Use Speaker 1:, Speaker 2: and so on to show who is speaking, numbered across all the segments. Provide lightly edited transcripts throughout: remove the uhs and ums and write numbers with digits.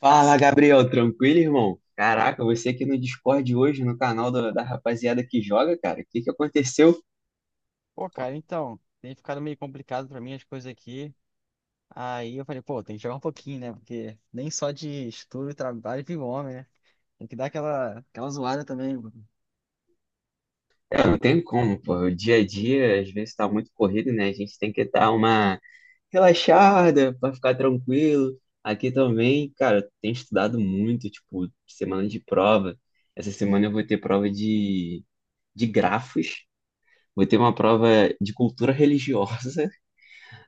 Speaker 1: Fala, Gabriel, tranquilo, irmão? Caraca, você aqui no Discord hoje, no canal da rapaziada que joga, cara, o que que aconteceu?
Speaker 2: Pô, cara, então, tem ficado meio complicado pra mim as coisas aqui. Aí eu falei, pô, tem que jogar um pouquinho, né? Porque nem só de estudo e trabalho vive o homem, né? Tem que dar aquela zoada também, mano.
Speaker 1: É, não tem como, pô, o dia a dia às vezes tá muito corrido, né? A gente tem que dar uma relaxada pra ficar tranquilo. Aqui também, cara, eu tenho estudado muito, tipo, semana de prova. Essa semana eu vou ter prova de grafos, vou ter uma prova de cultura religiosa,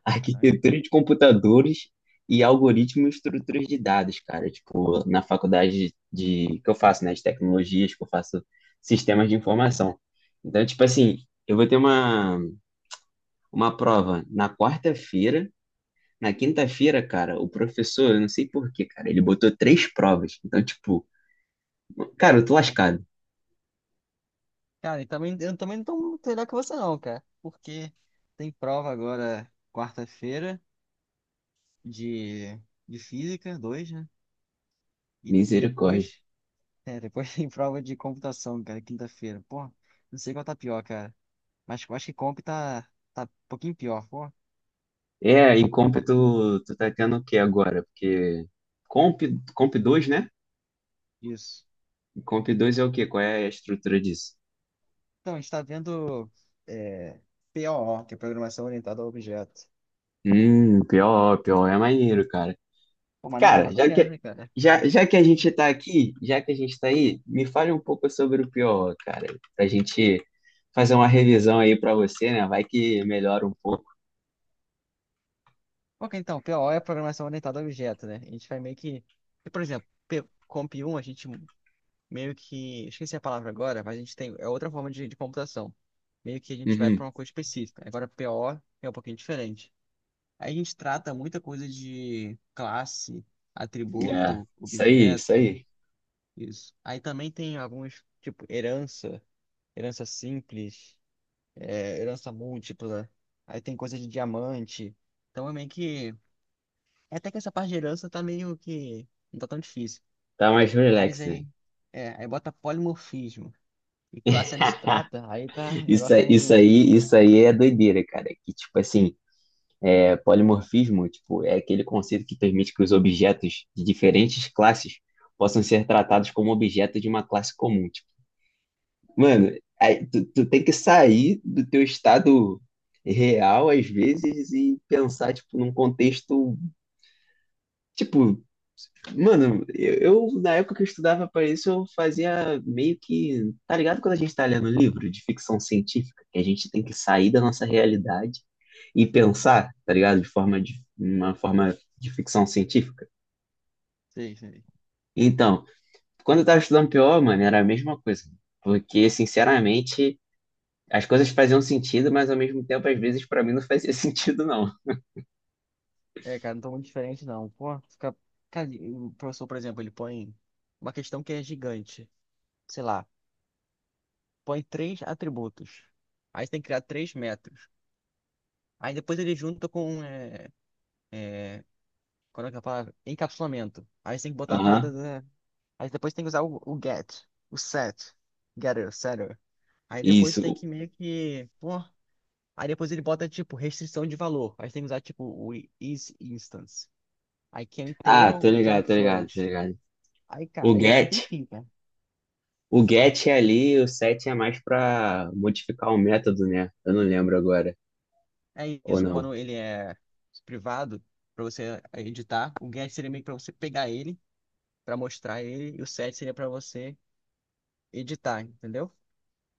Speaker 1: arquitetura de computadores e algoritmo e estruturas de dados, cara. Tipo, na faculdade que eu faço, né, de tecnologias, que eu faço sistemas de informação. Então, tipo assim, eu vou ter uma prova na quarta-feira. Na quinta-feira, cara, o professor, eu não sei por quê, cara, ele botou três provas. Então, tipo, cara, eu tô
Speaker 2: Saca?
Speaker 1: lascado.
Speaker 2: Cara, e também, eu também não tô muito melhor que você não, cara. Porque tem prova agora quarta-feira de, de física, dois, né? E
Speaker 1: Misericórdia.
Speaker 2: depois, depois tem prova de computação, cara, quinta-feira. Pô, não sei qual tá pior, cara. Mas eu acho que comp tá um pouquinho pior, pô.
Speaker 1: É, e Comp, tu tá tendo o quê agora? Porque Comp, Comp, 2, né?
Speaker 2: Isso.
Speaker 1: Comp 2 é o quê? Qual é a estrutura disso?
Speaker 2: Então, a gente está vendo é, POO, que é Programação Orientada a Objeto.
Speaker 1: Pior, pior é maneiro, cara.
Speaker 2: Pô, maneiro
Speaker 1: Cara,
Speaker 2: mais ou
Speaker 1: já
Speaker 2: menos,
Speaker 1: que,
Speaker 2: né, cara?
Speaker 1: já, já que a gente tá aqui, já que a gente tá aí, me fale um pouco sobre o pior, cara, pra gente fazer uma revisão aí pra você, né? Vai que melhora um pouco.
Speaker 2: Ok, então, POO é Programação Orientada a Objeto, né? A gente vai meio que... Por exemplo, Comp 1, a gente meio que... Esqueci a palavra agora, mas a gente tem... É outra forma de computação. Meio que a gente vai para
Speaker 1: Uhum.
Speaker 2: uma coisa específica. Agora, POO é um pouquinho diferente. Aí a gente trata muita coisa de classe,
Speaker 1: É,
Speaker 2: atributo,
Speaker 1: isso aí, isso
Speaker 2: objeto,
Speaker 1: aí.
Speaker 2: isso. Aí também tem alguns, tipo, herança, herança simples herança múltipla, aí tem coisa de diamante. Então é meio que. É até que essa parte de herança tá meio que. Não tá tão difícil.
Speaker 1: Tá mais
Speaker 2: Mas
Speaker 1: relax, né?
Speaker 2: aí. É, aí bota polimorfismo. E classe abstrata, aí tá. O
Speaker 1: Isso,
Speaker 2: negócio tá meio.
Speaker 1: isso aí é doideira, cara. Que tipo assim, é, polimorfismo, tipo, é aquele conceito que permite que os objetos de diferentes classes possam ser tratados como objetos de uma classe comum. Mano, aí tu tem que sair do teu estado real, às vezes, e pensar, tipo, num contexto, tipo, mano, eu, na época que eu estudava para isso, eu fazia meio que, tá ligado quando a gente tá lendo livro de ficção científica, que a gente tem que sair da nossa realidade e pensar, tá ligado, de uma forma de ficção científica.
Speaker 2: Sei, sei.
Speaker 1: Então, quando eu tava estudando PO, mano, era a mesma coisa, porque, sinceramente, as coisas faziam sentido, mas ao mesmo tempo, às vezes, pra mim não fazia sentido, não.
Speaker 2: É, cara, não tô muito diferente não. Pô, fica. Cara, e o professor, por exemplo, ele põe uma questão que é gigante. Sei lá, põe três atributos. Aí você tem que criar 3 metros. Aí depois ele junta com. É... Qual é que é a palavra? Encapsulamento. Aí você tem que botar a parada
Speaker 1: Aham.
Speaker 2: da- Aí depois tem que usar o get, o set, getter, setter. Aí depois tem que
Speaker 1: Isso.
Speaker 2: meio que, pô, aí depois ele bota tipo restrição de valor. Aí tem que usar tipo o is instance. Aí que é um
Speaker 1: Ah,
Speaker 2: inteiro,
Speaker 1: tô
Speaker 2: o que é um
Speaker 1: ligado, tô ligado, tô
Speaker 2: float.
Speaker 1: ligado.
Speaker 2: Aí, cara,
Speaker 1: O
Speaker 2: aí não tem
Speaker 1: get,
Speaker 2: fim, cara.
Speaker 1: o get é ali, o set é mais pra modificar o método, né? Eu não lembro agora.
Speaker 2: É
Speaker 1: Ou
Speaker 2: isso,
Speaker 1: não.
Speaker 2: quando ele é privado, pra você editar, o get seria meio que pra você pegar ele, pra mostrar ele, e o set seria pra você editar, entendeu?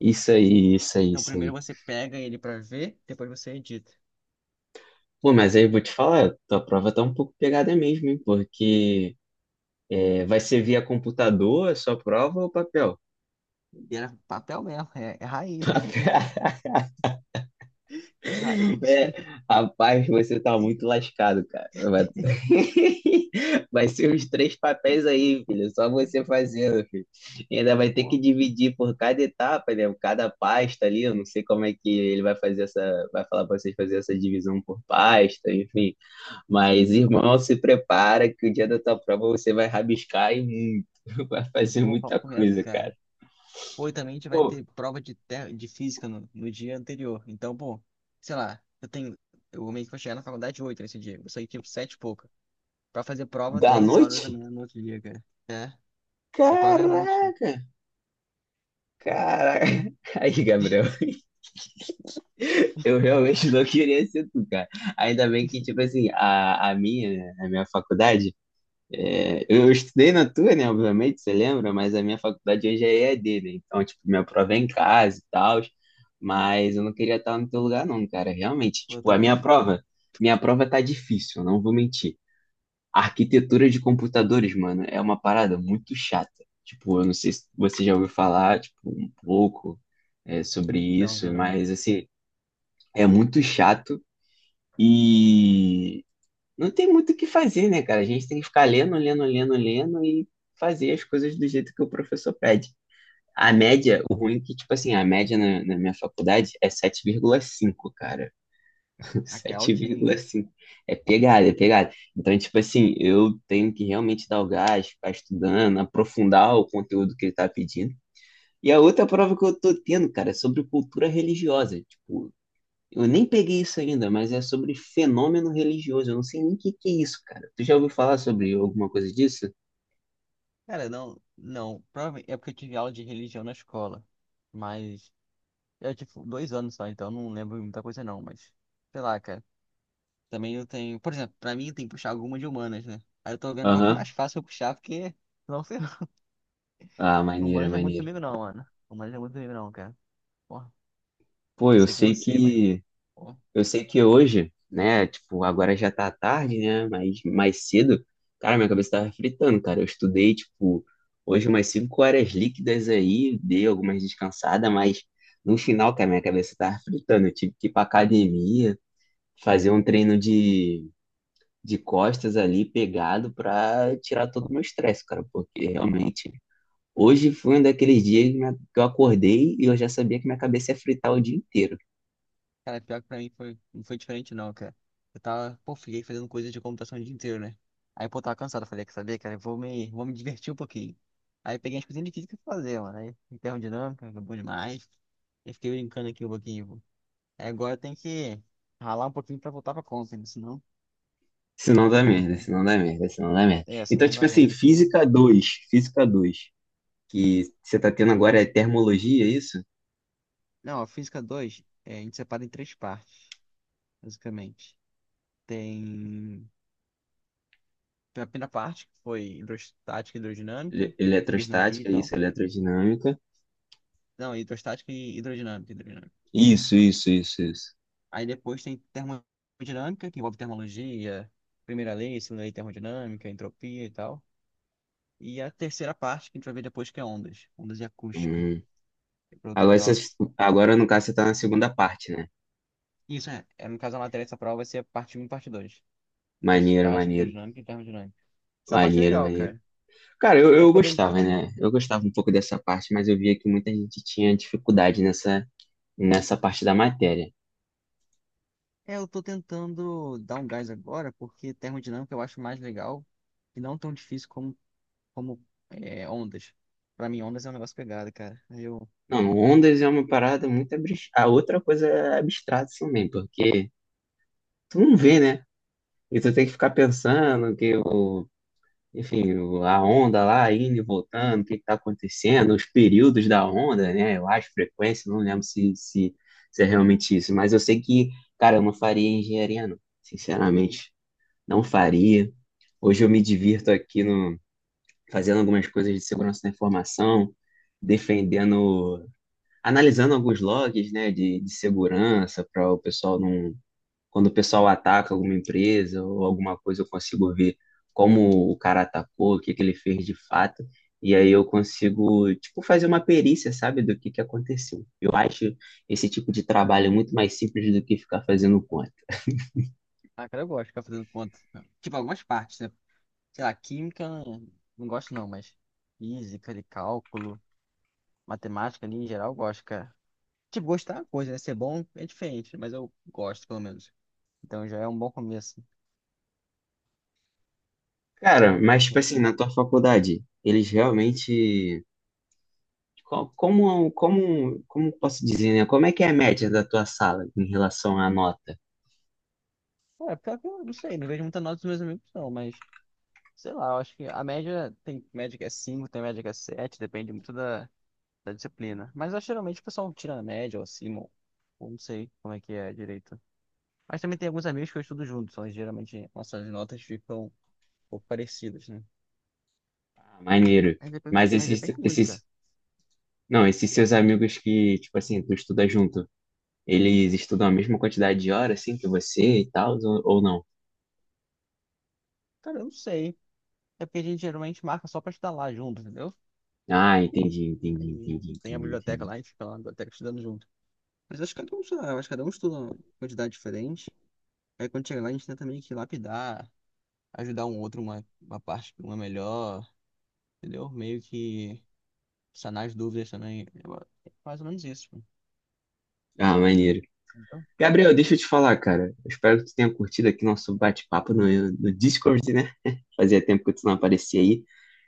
Speaker 1: Isso aí, isso aí,
Speaker 2: Então
Speaker 1: isso
Speaker 2: primeiro
Speaker 1: aí.
Speaker 2: você pega ele pra ver, depois você edita.
Speaker 1: Pô, mas aí eu vou te falar, tua prova tá um pouco pegada mesmo, hein? Porque é, vai ser via computador a sua prova ou papel?
Speaker 2: E era papel mesmo, é raiz. É raiz.
Speaker 1: É, rapaz, você tá muito lascado, cara. Vai, vai ser uns três papéis aí, filho. Só você fazendo, filho. E ainda vai ter que
Speaker 2: Pô,
Speaker 1: dividir por cada etapa, né? Cada pasta ali. Eu não sei como é que ele vai fazer essa. Vai falar pra vocês fazer essa divisão por pasta, enfim. Mas, irmão, se prepara que o dia da tua prova você vai rabiscar e muito. Vai fazer
Speaker 2: pô,
Speaker 1: muita
Speaker 2: papo reto,
Speaker 1: coisa,
Speaker 2: cara.
Speaker 1: cara.
Speaker 2: Pô, e também a gente vai
Speaker 1: Pô,
Speaker 2: ter prova de física no dia anterior. Então, pô, sei lá, eu tenho. Eu meio que vou chegar na faculdade 8 nesse dia. Eu saí tipo 7 e pouca. Pra fazer prova
Speaker 1: da
Speaker 2: 10 horas
Speaker 1: noite?
Speaker 2: também manhã no outro dia, cara. É, porque a prova é à noite.
Speaker 1: Caraca! Caraca! Aí, Gabriel. Eu realmente não queria ser tu, cara. Ainda bem que, tipo assim, a minha faculdade, é, eu estudei na tua, né? Obviamente, você lembra, mas a minha faculdade hoje é EAD, né? Então, tipo, minha prova é em casa e tal, mas eu não queria estar no teu lugar, não, cara. Realmente,
Speaker 2: Pô, eu
Speaker 1: tipo, a minha
Speaker 2: também.
Speaker 1: prova, minha prova tá difícil, eu não vou mentir. A arquitetura de computadores, mano, é uma parada muito chata. Tipo, eu não sei se você já ouviu falar, tipo, um pouco, é, sobre
Speaker 2: Não, vi
Speaker 1: isso,
Speaker 2: não.
Speaker 1: mas, assim, é muito chato e não tem muito o que fazer, né, cara? A gente tem que ficar lendo, lendo, lendo, lendo e fazer as coisas do jeito que o professor pede. A média, o ruim é que, tipo assim, a média na minha faculdade é 7,5, cara.
Speaker 2: Caraca, é altinho, hein?
Speaker 1: 7,5. É pegada, é pegada. Então, tipo assim, eu tenho que realmente dar o gás, ficar estudando, aprofundar o conteúdo que ele tá pedindo. E a outra prova que eu tô tendo, cara, é sobre cultura religiosa. Tipo, eu nem peguei isso ainda, mas é sobre fenômeno religioso. Eu não sei nem o que que é isso, cara. Tu já ouviu falar sobre alguma coisa disso?
Speaker 2: Cara, não, não. Provavelmente é porque eu tive aula de religião na escola. Mas. Eu tive 2 anos só, então não lembro muita coisa, não. Mas, sei lá, cara. Também eu tenho. Por exemplo, pra mim tem que puxar alguma de humanas, né? Aí eu tô vendo qual que é mais
Speaker 1: Aham.
Speaker 2: fácil eu puxar, porque. Não sei.
Speaker 1: Ah,
Speaker 2: não.
Speaker 1: maneiro,
Speaker 2: Humanas é muito
Speaker 1: maneiro.
Speaker 2: comigo, não, mano. Humanas é muito comigo, não, cara. Porra,
Speaker 1: Pô, eu
Speaker 2: sei com
Speaker 1: sei
Speaker 2: você, mas.
Speaker 1: que
Speaker 2: Porra.
Speaker 1: eu sei que hoje, né, tipo, agora já tá tarde, né, mas mais cedo, cara, minha cabeça tava fritando, cara. Eu estudei, tipo, hoje umas 5 horas líquidas aí, dei algumas descansadas, mas no final, cara, minha cabeça tava fritando. Eu tive que ir pra academia, fazer um treino de costas ali, pegado, pra tirar todo o meu estresse, cara, porque realmente. Hoje foi um daqueles dias que que eu acordei e eu já sabia que minha cabeça ia fritar o dia inteiro.
Speaker 2: Cara, pior que pra mim foi... não foi diferente, não, cara. Eu tava. Pô, fiquei fazendo coisa de computação o dia inteiro, né? Aí, pô, tava cansado. Falei, quer saber, cara? Vou me divertir um pouquinho. Aí peguei as coisinhas de física pra fazer, mano. Aí, termodinâmica, foi bom demais. Eu fiquei brincando aqui um pouquinho, pô. Aí agora tem que ralar um pouquinho pra voltar pra conta, né? Senão,
Speaker 1: Se
Speaker 2: senão
Speaker 1: não dá
Speaker 2: ferrou,
Speaker 1: merda,
Speaker 2: cara.
Speaker 1: se não dá merda, se não dá merda.
Speaker 2: É, se
Speaker 1: Então,
Speaker 2: não
Speaker 1: tipo
Speaker 2: dá
Speaker 1: assim,
Speaker 2: ruim aqui. É.
Speaker 1: física dois que você tá tendo agora é termologia, é isso?
Speaker 2: Não, a física 2 a gente separa em três partes, basicamente. Tem a primeira parte, que foi hidrostática e hidrodinâmica, Bernoulli e
Speaker 1: Eletrostática,
Speaker 2: tal.
Speaker 1: isso, eletrodinâmica.
Speaker 2: Não, hidrostática e hidrodinâmica,
Speaker 1: Isso, isso, isso, isso.
Speaker 2: Aí depois tem termodinâmica, que envolve termologia, primeira lei, segunda lei de termodinâmica, entropia e tal. E a terceira parte, que a gente vai ver depois, que é ondas, ondas e acústica,
Speaker 1: Hum.
Speaker 2: que é para outra
Speaker 1: Agora, você-
Speaker 2: prova.
Speaker 1: agora, no caso, você tá na segunda parte, né?
Speaker 2: Isso é, no caso, a matéria dessa prova vai ser a parte um e parte dois.
Speaker 1: Maneiro,
Speaker 2: Hidrostática,
Speaker 1: maneiro.
Speaker 2: hidrodinâmica e termodinâmica. Essa parte é
Speaker 1: Maneiro,
Speaker 2: legal,
Speaker 1: maneiro.
Speaker 2: cara.
Speaker 1: Cara, eu,
Speaker 2: É
Speaker 1: eu
Speaker 2: que eu tô...
Speaker 1: gostava, né? Eu gostava um pouco dessa parte, mas eu via que muita gente tinha dificuldade nessa parte da matéria.
Speaker 2: É, eu tô tentando dar um gás agora, porque termodinâmica eu acho mais legal e não tão difícil como, como ondas. Pra mim, ondas é um negócio pegado, cara. Aí eu...
Speaker 1: Não, ondas é uma parada A outra coisa é abstrata também, porque tu não vê, né? E tu tem que ficar pensando que o, enfim, a onda lá indo e voltando, o que que tá acontecendo, os períodos da onda, né? Eu acho, frequência, não lembro se é realmente isso, mas eu sei que, cara, eu não faria engenharia, não. Sinceramente, não faria. Hoje eu me divirto aqui no, fazendo algumas coisas de segurança da informação, defendendo, analisando alguns logs, né, de segurança para o pessoal não, quando o pessoal ataca alguma empresa ou alguma coisa, eu consigo ver como o cara atacou, o que que ele fez de fato, e aí eu consigo, tipo, fazer uma perícia, sabe, do que aconteceu. Eu acho esse tipo de trabalho muito mais simples do que ficar fazendo conta.
Speaker 2: Ah, cara, eu gosto de ficar fazendo conta. Tipo, algumas partes, né? Sei lá, química, não gosto não, mas física, de cálculo, matemática ali em geral, eu gosto, cara. Tipo, gostar é uma coisa, né? Ser bom é diferente, mas eu gosto, pelo menos. Então já é um bom começo.
Speaker 1: Cara,
Speaker 2: É um bom
Speaker 1: mas, tipo
Speaker 2: começo.
Speaker 1: assim, na tua faculdade, eles realmente. Como posso dizer, né? Como é que é a média da tua sala em relação à nota?
Speaker 2: É, pior que eu não sei, não vejo muita nota dos meus amigos, não, mas... Sei lá, eu acho que a média tem média que é 5, tem média que é 7, depende muito da disciplina. Mas eu, geralmente o pessoal tira a média ou acima, ou não sei como é que é direito. Mas também tem alguns amigos que eu estudo junto, então geralmente nossas notas ficam um pouco parecidas, né?
Speaker 1: Ah, maneiro. Mas
Speaker 2: Mas
Speaker 1: esses,
Speaker 2: depende muito, cara.
Speaker 1: esses, não, esses seus amigos que, tipo assim, tu estuda junto, eles estudam a mesma quantidade de horas, assim, que você e tal, ou não?
Speaker 2: Cara, eu não sei. É porque a gente geralmente marca só pra estudar lá junto, entendeu?
Speaker 1: Ah, entendi, entendi,
Speaker 2: E
Speaker 1: entendi,
Speaker 2: tem a
Speaker 1: entendi,
Speaker 2: biblioteca
Speaker 1: entendi.
Speaker 2: lá, a gente fica lá na biblioteca estudando junto. Mas acho que cada um, sei lá, acho que cada um estuda uma quantidade diferente. Aí quando chega lá, a gente tenta meio que lapidar, ajudar um outro, uma parte que uma é melhor, entendeu? Meio que sanar as dúvidas também. É mais ou menos isso, pô,
Speaker 1: Ah, maneiro.
Speaker 2: entendeu?
Speaker 1: Gabriel, deixa eu te falar, cara. Eu espero que tu tenha curtido aqui nosso bate-papo no Discord, né? Fazia tempo que tu não aparecia aí.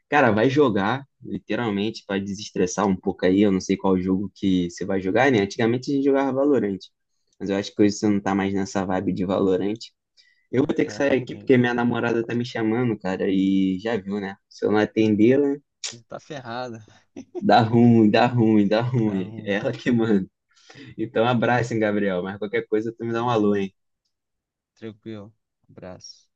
Speaker 1: Cara, vai jogar, literalmente, para desestressar um pouco aí. Eu não sei qual jogo que você vai jogar, né? Antigamente a gente jogava Valorant, mas eu acho que hoje você não tá mais nessa vibe de Valorant. Eu vou ter que
Speaker 2: Eu acho
Speaker 1: sair
Speaker 2: que eu
Speaker 1: aqui
Speaker 2: mudei,
Speaker 1: porque minha
Speaker 2: né?
Speaker 1: namorada tá me chamando, cara, e já viu, né? Se eu não atendê-la,
Speaker 2: Tá ferrado,
Speaker 1: dá ruim, dá ruim, dá
Speaker 2: tá
Speaker 1: ruim. É
Speaker 2: ruim,
Speaker 1: ela que manda. Então, abraço, hein, Gabriel. Mas qualquer coisa, tu me dá um alô,
Speaker 2: beleza.
Speaker 1: hein?
Speaker 2: Tranquilo, abraço.